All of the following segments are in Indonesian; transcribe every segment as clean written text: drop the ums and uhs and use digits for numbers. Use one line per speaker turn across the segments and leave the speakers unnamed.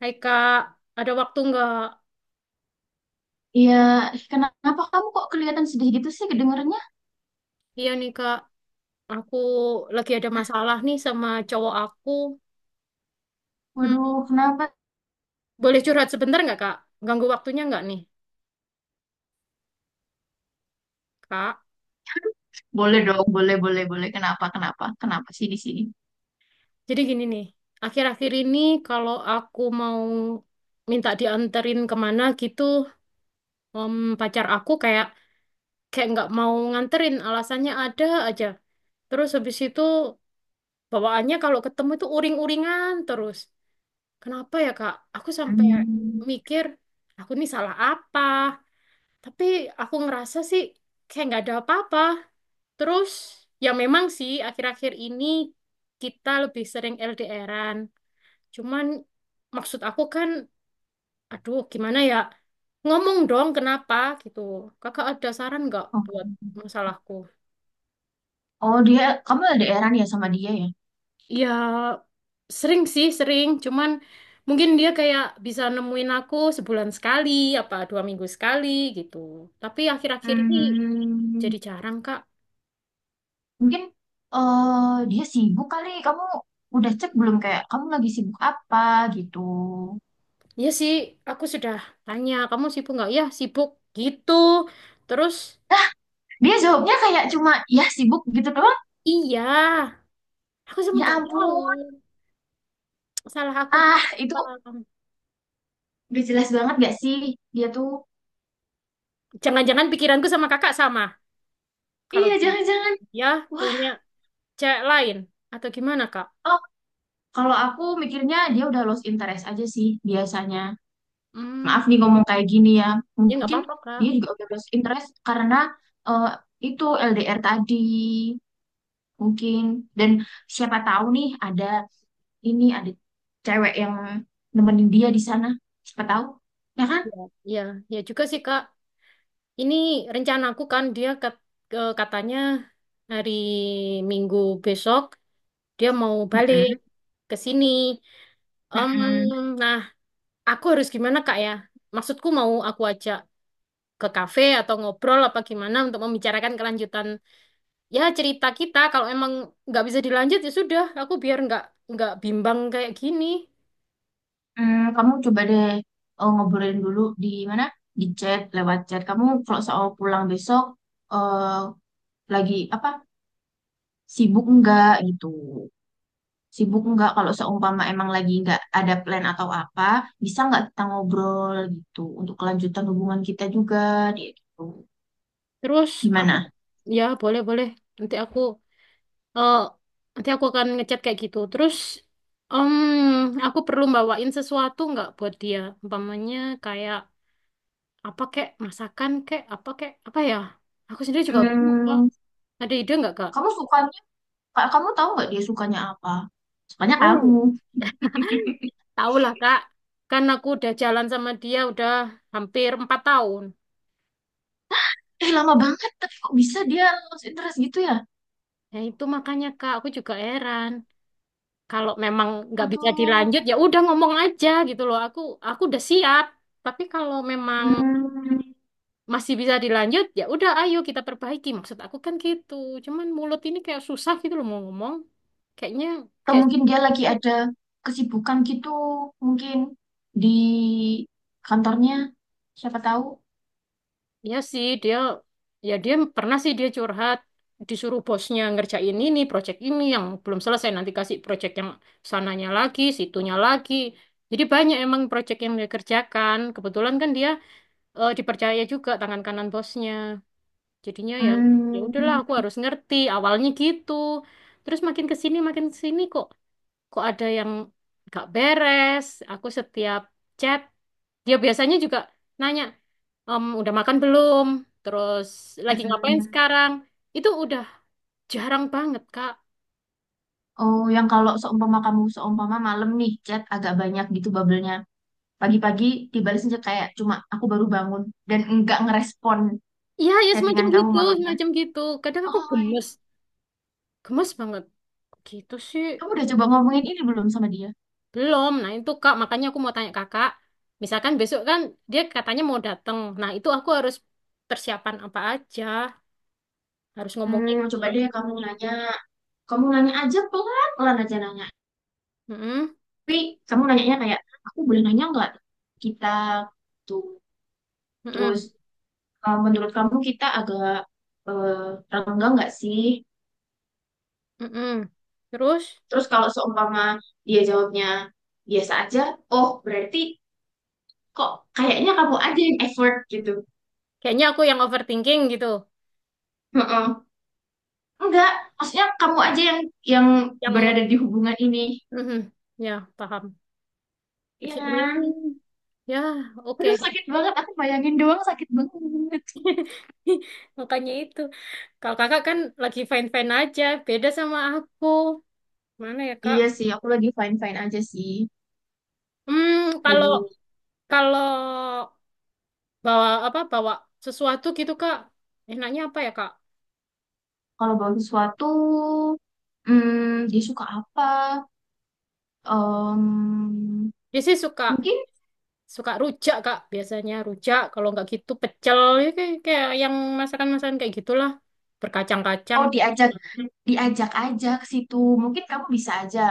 Hai Kak, ada waktu nggak?
Iya, ih, kenapa kamu kok kelihatan sedih gitu sih kedengarannya?
Iya nih Kak, aku lagi ada masalah nih sama cowok aku. Hmm,
Waduh, kenapa?
Boleh curhat sebentar nggak Kak? Ganggu waktunya nggak nih Kak?
Boleh dong, boleh, boleh, boleh. Kenapa, kenapa, kenapa sih di sini?
Jadi gini nih, akhir-akhir ini kalau aku mau minta dianterin kemana gitu, em, pacar aku kayak kayak nggak mau nganterin, alasannya ada aja. Terus habis itu bawaannya kalau ketemu itu uring-uringan terus. Kenapa ya Kak? Aku sampai
Hmm.
mikir aku nih salah apa. Tapi aku ngerasa sih kayak nggak ada apa-apa. Terus ya memang sih akhir-akhir ini kita lebih sering LDRan. Cuman maksud aku kan, aduh gimana ya? Ngomong dong kenapa gitu. Kakak ada saran nggak
Oh.
buat masalahku?
Oh, dia, kamu ada eran ya sama dia ya?
Ya sering sih sering. Cuman mungkin dia kayak bisa nemuin aku sebulan sekali, apa 2 minggu sekali gitu. Tapi akhir-akhir ini
Hmm,
jadi jarang, Kak.
mungkin dia sibuk kali. Kamu udah cek belum kayak kamu lagi sibuk apa gitu?
Iya sih, aku sudah tanya, kamu sibuk nggak? Ya, sibuk gitu. Terus,
Dia jawabnya kayak cuma ya sibuk gitu doang.
iya, aku sama
Ya
nggak tahu.
ampun.
Salah aku itu
Ah, itu
apa.
udah jelas banget gak sih dia tuh?
Jangan-jangan pikiranku sama kakak sama. Kalau
Iya, jangan-jangan.
dia punya
Wah.
cewek lain. Atau gimana, Kak?
Kalau aku mikirnya dia udah lost interest aja sih biasanya. Maaf
Hmm,
nih ngomong kayak gini ya.
ya nggak
Mungkin
apa-apa, Kak.
dia juga udah lost interest karena eh, itu LDR tadi mungkin. Dan siapa tahu nih ada cewek yang nemenin dia di sana. Siapa tahu, ya kan?
Ya, ya juga sih, Kak. Ini rencanaku kan, dia katanya hari Minggu besok, dia mau balik
Mm-mm,
ke sini. Em,
mm-mm.
nah, aku harus gimana Kak ya? Maksudku mau aku ajak ke kafe atau ngobrol apa gimana untuk membicarakan kelanjutan, ya cerita kita. Kalau emang nggak bisa dilanjut ya sudah, aku biar nggak bimbang kayak gini.
Hmm, kamu coba deh ngobrolin dulu di mana? Di chat, lewat chat. Kamu kalau soal pulang besok, eh, lagi apa? Sibuk enggak gitu. Sibuk enggak kalau seumpama emang lagi enggak ada plan atau apa, bisa enggak kita ngobrol gitu untuk kelanjutan hubungan kita juga dia gitu.
Terus aku
Gimana?
ya boleh boleh. Nanti aku eh nanti aku akan ngechat kayak gitu. Terus em aku perlu bawain sesuatu nggak buat dia? Umpamanya kayak apa kek masakan kek apa ya? Aku sendiri juga bingung, Kak.
Hmm,
Ada ide nggak Kak?
kamu sukanya, Kak, kamu tahu nggak dia sukanya apa? Sukanya kamu.
Tahu. Tahu lah Kak, kan aku udah jalan sama dia udah hampir 4 tahun.
Eh, lama banget, tapi kok bisa dia lost interest gitu ya?
Ya itu makanya Kak, aku juga heran. Kalau memang nggak bisa
Atau,
dilanjut, ya udah ngomong aja gitu loh. Aku udah siap. Tapi kalau memang
hmm,
masih bisa dilanjut, ya udah ayo kita perbaiki. Maksud aku kan gitu. Cuman mulut ini kayak susah gitu loh mau ngomong. Kayaknya kayak.
mungkin dia lagi ada kesibukan gitu, mungkin di kantornya, siapa tahu.
Iya sih, dia pernah sih dia curhat disuruh bosnya ngerjain ini, project ini yang belum selesai nanti kasih project yang sananya lagi, situnya lagi. Jadi banyak emang project yang dia kerjakan. Kebetulan kan dia dipercaya juga tangan kanan bosnya. Jadinya ya ya udahlah aku
Hmm,
harus ngerti awalnya gitu. Terus makin ke sini kok kok ada yang gak beres. Aku setiap chat, dia biasanya juga nanya, udah makan belum? Terus lagi ngapain
mm-mm.
sekarang? Itu udah jarang banget, Kak.
Oh, yang kalau seumpama kamu seumpama malam nih chat agak banyak gitu bubble-nya. Pagi-pagi dibalas aja kayak cuma aku baru bangun dan enggak ngerespon
Iya, ya semacam
chattingan kamu
gitu,
malamnya.
semacam gitu. Kadang
Oh,
aku
my.
gemes, gemes banget. Gitu sih,
Kamu udah coba ngomongin ini belum sama dia?
belum. Nah itu Kak, makanya aku mau tanya Kakak. Misalkan besok kan dia katanya mau datang. Nah itu aku harus persiapan apa aja, harus ngomongnya
Hmm, coba
gimana.
deh kamu nanya. Kamu nanya aja pelan-pelan aja nanya.
Mm-mm,
Tapi kamu nanyanya kayak, aku boleh nanya nggak? Kita tuh. Terus,
mm-mm.
menurut kamu kita agak eh, renggang nggak sih?
Mm-mm. Terus
Terus kalau seumpama dia jawabnya biasa aja, oh berarti kok kayaknya kamu aja yang effort gitu.
kayaknya aku yang overthinking gitu.
Heeh. Enggak, maksudnya kamu aja yang yang
Yang
berada di hubungan ini.
Mhm. Ya, paham.
Iya
Akhirnya
kan?
ya oke.
Aduh sakit banget, aku bayangin doang sakit banget.
Makanya itu. Kalau kakak kan lagi fine-fine aja, beda sama aku. Mana ya, Kak?
Iya sih, aku lagi fine-fine aja sih.
Hmm, kalau
Lagi
kalau bawa sesuatu gitu, Kak. Enaknya apa ya, Kak?
kalau bawa sesuatu, hmm, dia suka apa? Em,
Dia sih suka
mungkin
suka rujak, Kak. Biasanya rujak, kalau nggak gitu pecel. Ya, kayak yang masakan-masakan kayak gitulah. Berkacang-kacang.
mau diajak diajak aja ke situ. Mungkin kamu bisa aja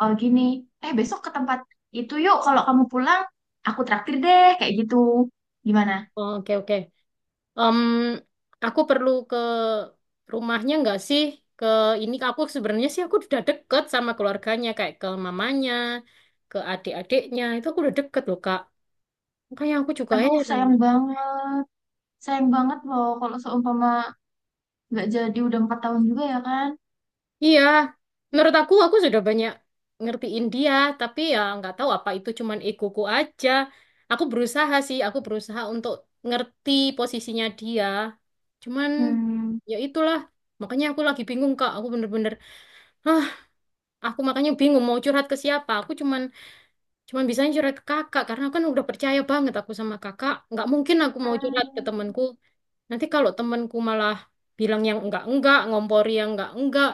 oh gini, eh besok ke tempat itu yuk kalau kamu pulang aku traktir deh kayak gitu. Gimana?
Oh, oke, oke. Em, aku perlu ke rumahnya nggak sih? Ke ini aku sebenarnya sih aku udah deket sama keluarganya kayak ke mamanya, ke adik-adiknya. Itu aku udah deket loh, Kak. Makanya aku juga
Aduh,
heran.
sayang banget. Sayang banget loh kalau seumpama nggak jadi udah 4 tahun juga ya kan?
Iya, menurut aku sudah banyak ngertiin dia, tapi ya nggak tahu apa itu cuman egoku aja. Aku berusaha sih, aku berusaha untuk ngerti posisinya dia. Cuman
Hmm.
ya itulah, makanya aku lagi bingung, Kak. Aku bener-bener, hah, aku makanya bingung mau curhat ke siapa. Aku cuman cuman bisa curhat ke kakak karena kan udah percaya banget aku sama kakak. Nggak mungkin aku mau curhat ke
Hmm.
temanku. Nanti kalau temanku malah bilang yang enggak-enggak, ngompori yang enggak-enggak,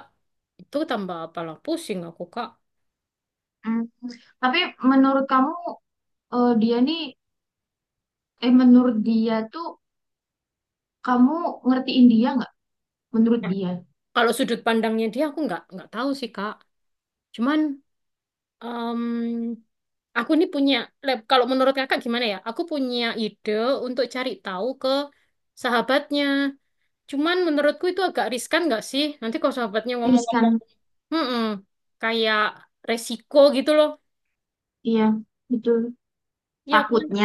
itu tambah apalah pusing aku, Kak.
Hmm. Tapi menurut kamu dia nih menurut dia tuh kamu ngertiin dia nggak? Menurut
Nah,
dia.
kalau sudut pandangnya dia aku nggak tahu sih, Kak. Cuman em, aku ini punya kalau menurut kakak gimana ya? Aku punya ide untuk cari tahu ke sahabatnya. Cuman menurutku itu agak riskan nggak sih? Nanti kalau sahabatnya
Terus kan
ngomong-ngomong, "Mm-mm, kayak resiko gitu loh.
iya, betul.
Ya kan?
Takutnya,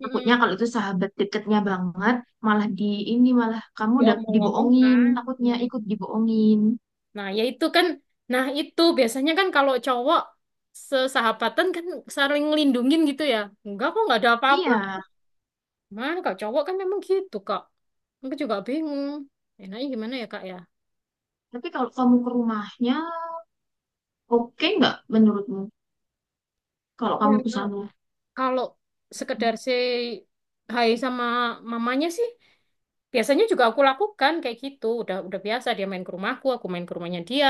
takutnya kalau itu sahabat deketnya banget, malah di ini malah kamu udah
Diomong-omong
dibohongin,
kan.
takutnya
Nah,
ikut dibohongin.
nah, ya itu kan. Nah, itu biasanya kan kalau cowok sesahabatan kan saling ngelindungin gitu ya. Enggak kok, nggak ada apa-apa.
Iya,
Mana kalau cowok kan memang gitu, Kak. Aku juga bingung. Enaknya gimana ya, Kak ya?
tapi kalau kamu ke rumahnya, oke nggak menurutmu? Kalau
Ya.
kamu ke sana,
Kalau sekedar say hai sama mamanya sih, biasanya juga aku lakukan kayak gitu. Udah biasa dia main ke rumahku, aku main ke rumahnya dia.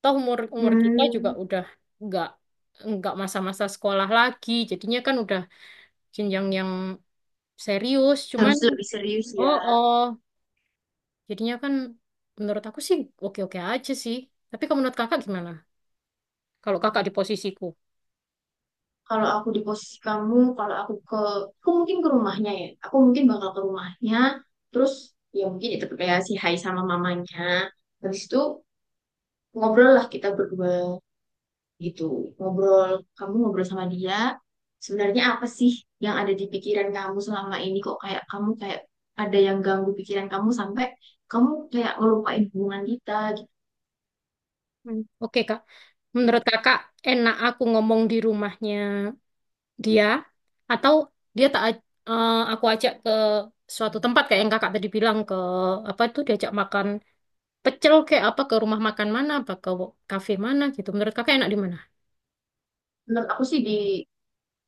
Toh umur umur kita juga
hmm,
udah nggak nggak masa-masa sekolah lagi. Jadinya kan udah jenjang yang serius. Cuman
harus lebih serius ya.
oh oh, jadinya kan menurut aku sih oke-oke aja sih. Tapi kalau menurut kakak gimana? Kalau kakak di posisiku.
Kalau aku di posisi kamu, aku mungkin ke rumahnya ya. Aku mungkin bakal ke rumahnya, terus ya mungkin itu kayak si Hai sama mamanya. Habis itu ngobrol lah kita berdua. Gitu ngobrol, kamu ngobrol sama dia sebenarnya apa sih yang ada di pikiran kamu selama ini, kok kayak kamu kayak ada yang ganggu pikiran kamu sampai kamu kayak ngelupain hubungan kita gitu.
Hmm. Oke Kak.
Ya,
Menurut kakak, enak aku ngomong di rumahnya dia atau dia tak aj- eh, aku ajak ke suatu tempat kayak yang kakak tadi bilang, ke apa itu diajak makan pecel kayak apa ke rumah makan mana apa ke kafe mana gitu, menurut kakak enak di mana?
menurut aku sih di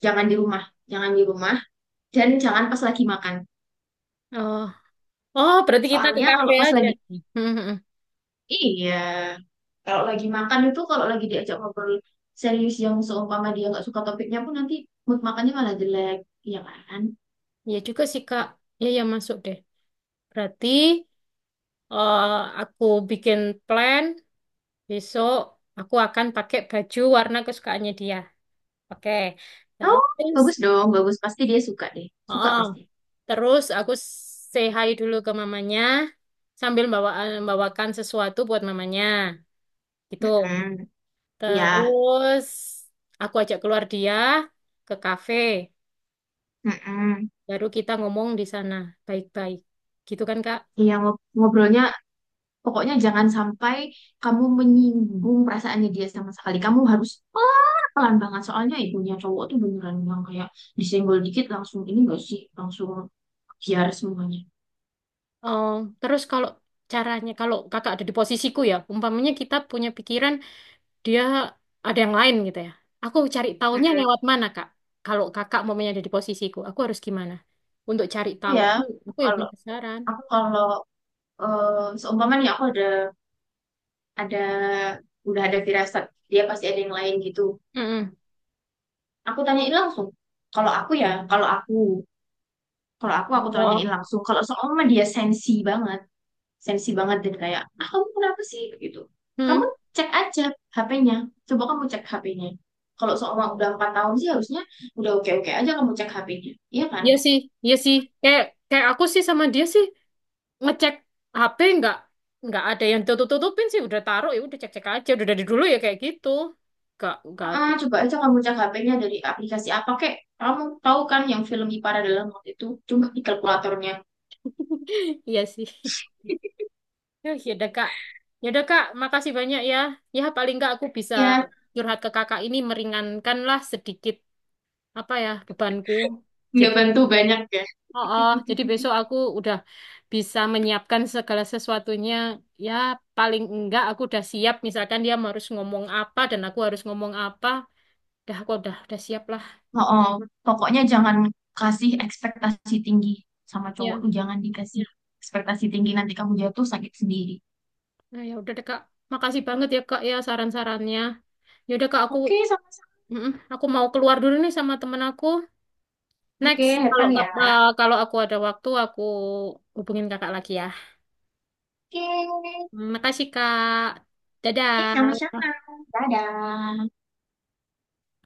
jangan di rumah jangan di rumah dan jangan pas lagi makan.
Oh, oh, berarti kita ke
Soalnya kalau
kafe
pas
aja.
lagi,
Hmm, hmm, hmm.
iya, kalau lagi makan itu kalau lagi diajak ngobrol serius yang seumpama dia nggak suka topiknya pun nanti mood makannya malah jelek, iya kan?
Ya juga sih Kak, ya ya masuk deh. Berarti, eh, aku bikin plan besok. Aku akan pakai baju warna kesukaannya dia. Oke.
Oh,
Terus,
bagus dong, bagus. Pasti dia suka deh. Suka
oh,
pasti.
terus aku say hi dulu ke mamanya sambil bawakan sesuatu buat mamanya gitu.
Hmm, iya.
Terus aku ajak keluar dia ke kafe,
Mm-mm.
baru kita ngomong di sana baik-baik. Gitu kan Kak?
Iya, ngobrolnya pokoknya jangan sampai kamu menyinggung perasaannya dia sama sekali. Kamu harus pelan-pelan banget. Soalnya ibunya cowok tuh beneran yang kayak disenggol dikit langsung ini gak sih? Langsung biar semuanya.
Oh, terus kalau caranya kalau Kakak ada di posisiku ya, umpamanya kita punya pikiran dia ada yang lain gitu ya. Aku cari taunya
Mm-mm.
lewat mana Kak? Kalau Kakak umpamanya ada di posisiku, aku harus gimana? Untuk cari
Aku
tahu.
ya,
Aku
kalau
penasaran.
aku kalau seumpamanya aku ada udah ada firasat dia pasti ada yang lain gitu.
Mm-mm.
Aku tanyain langsung. Kalau aku ya, kalau aku aku tanyain
Oh.
langsung. Kalau seumpama dia sensi banget dan kayak, ah kamu kenapa sih gitu. Kamu
Hmm.
cek aja HP-nya. Coba kamu cek HP-nya. Kalau seumpama udah 4 tahun sih harusnya udah oke-oke aja kamu cek HP-nya. Iya kan?
Iya sih, iya sih. Kayak kayak aku sih sama dia sih ngecek HP nggak ada yang tutup-tutupin sih. Udah taruh ya, udah cek-cek aja. Udah dari dulu ya kayak gitu. Nggak ada.
Ah, coba aja kamu cek HP-nya dari aplikasi apa kek. Kamu tahu kan yang film Ipara dalam waktu itu cuma di kalkulatornya.
Iya sih. Yuh, ya udah Kak. Ya udah Kak, makasih banyak ya. Ya paling nggak aku bisa
Ya,
curhat ke Kakak ini meringankan lah sedikit apa ya bebanku.
nggak
Jadi,
bantu banyak ya.
oh, oh, jadi besok aku udah bisa menyiapkan segala sesuatunya. Ya, paling enggak aku udah siap. Misalkan dia harus ngomong apa dan aku harus ngomong apa. Dah, aku udah siap lah.
Oh, pokoknya jangan kasih ekspektasi tinggi sama cowok
Ya,
tuh jangan dikasih ekspektasi tinggi nanti kamu jatuh sakit sendiri.
nah, ya udah deh Kak. Makasih banget ya Kak ya saran-sarannya. Ya udah Kak, aku
Oke, sama-sama.
mm, aku mau keluar dulu nih sama temen aku. Next,
Oke,
kalau
Hepan
kap-
ya.
eh, kalau aku ada waktu aku hubungin Kakak lagi ya.
Oke,
Makasih Kak.
eh
Dadah.
sama-sama. Dadah.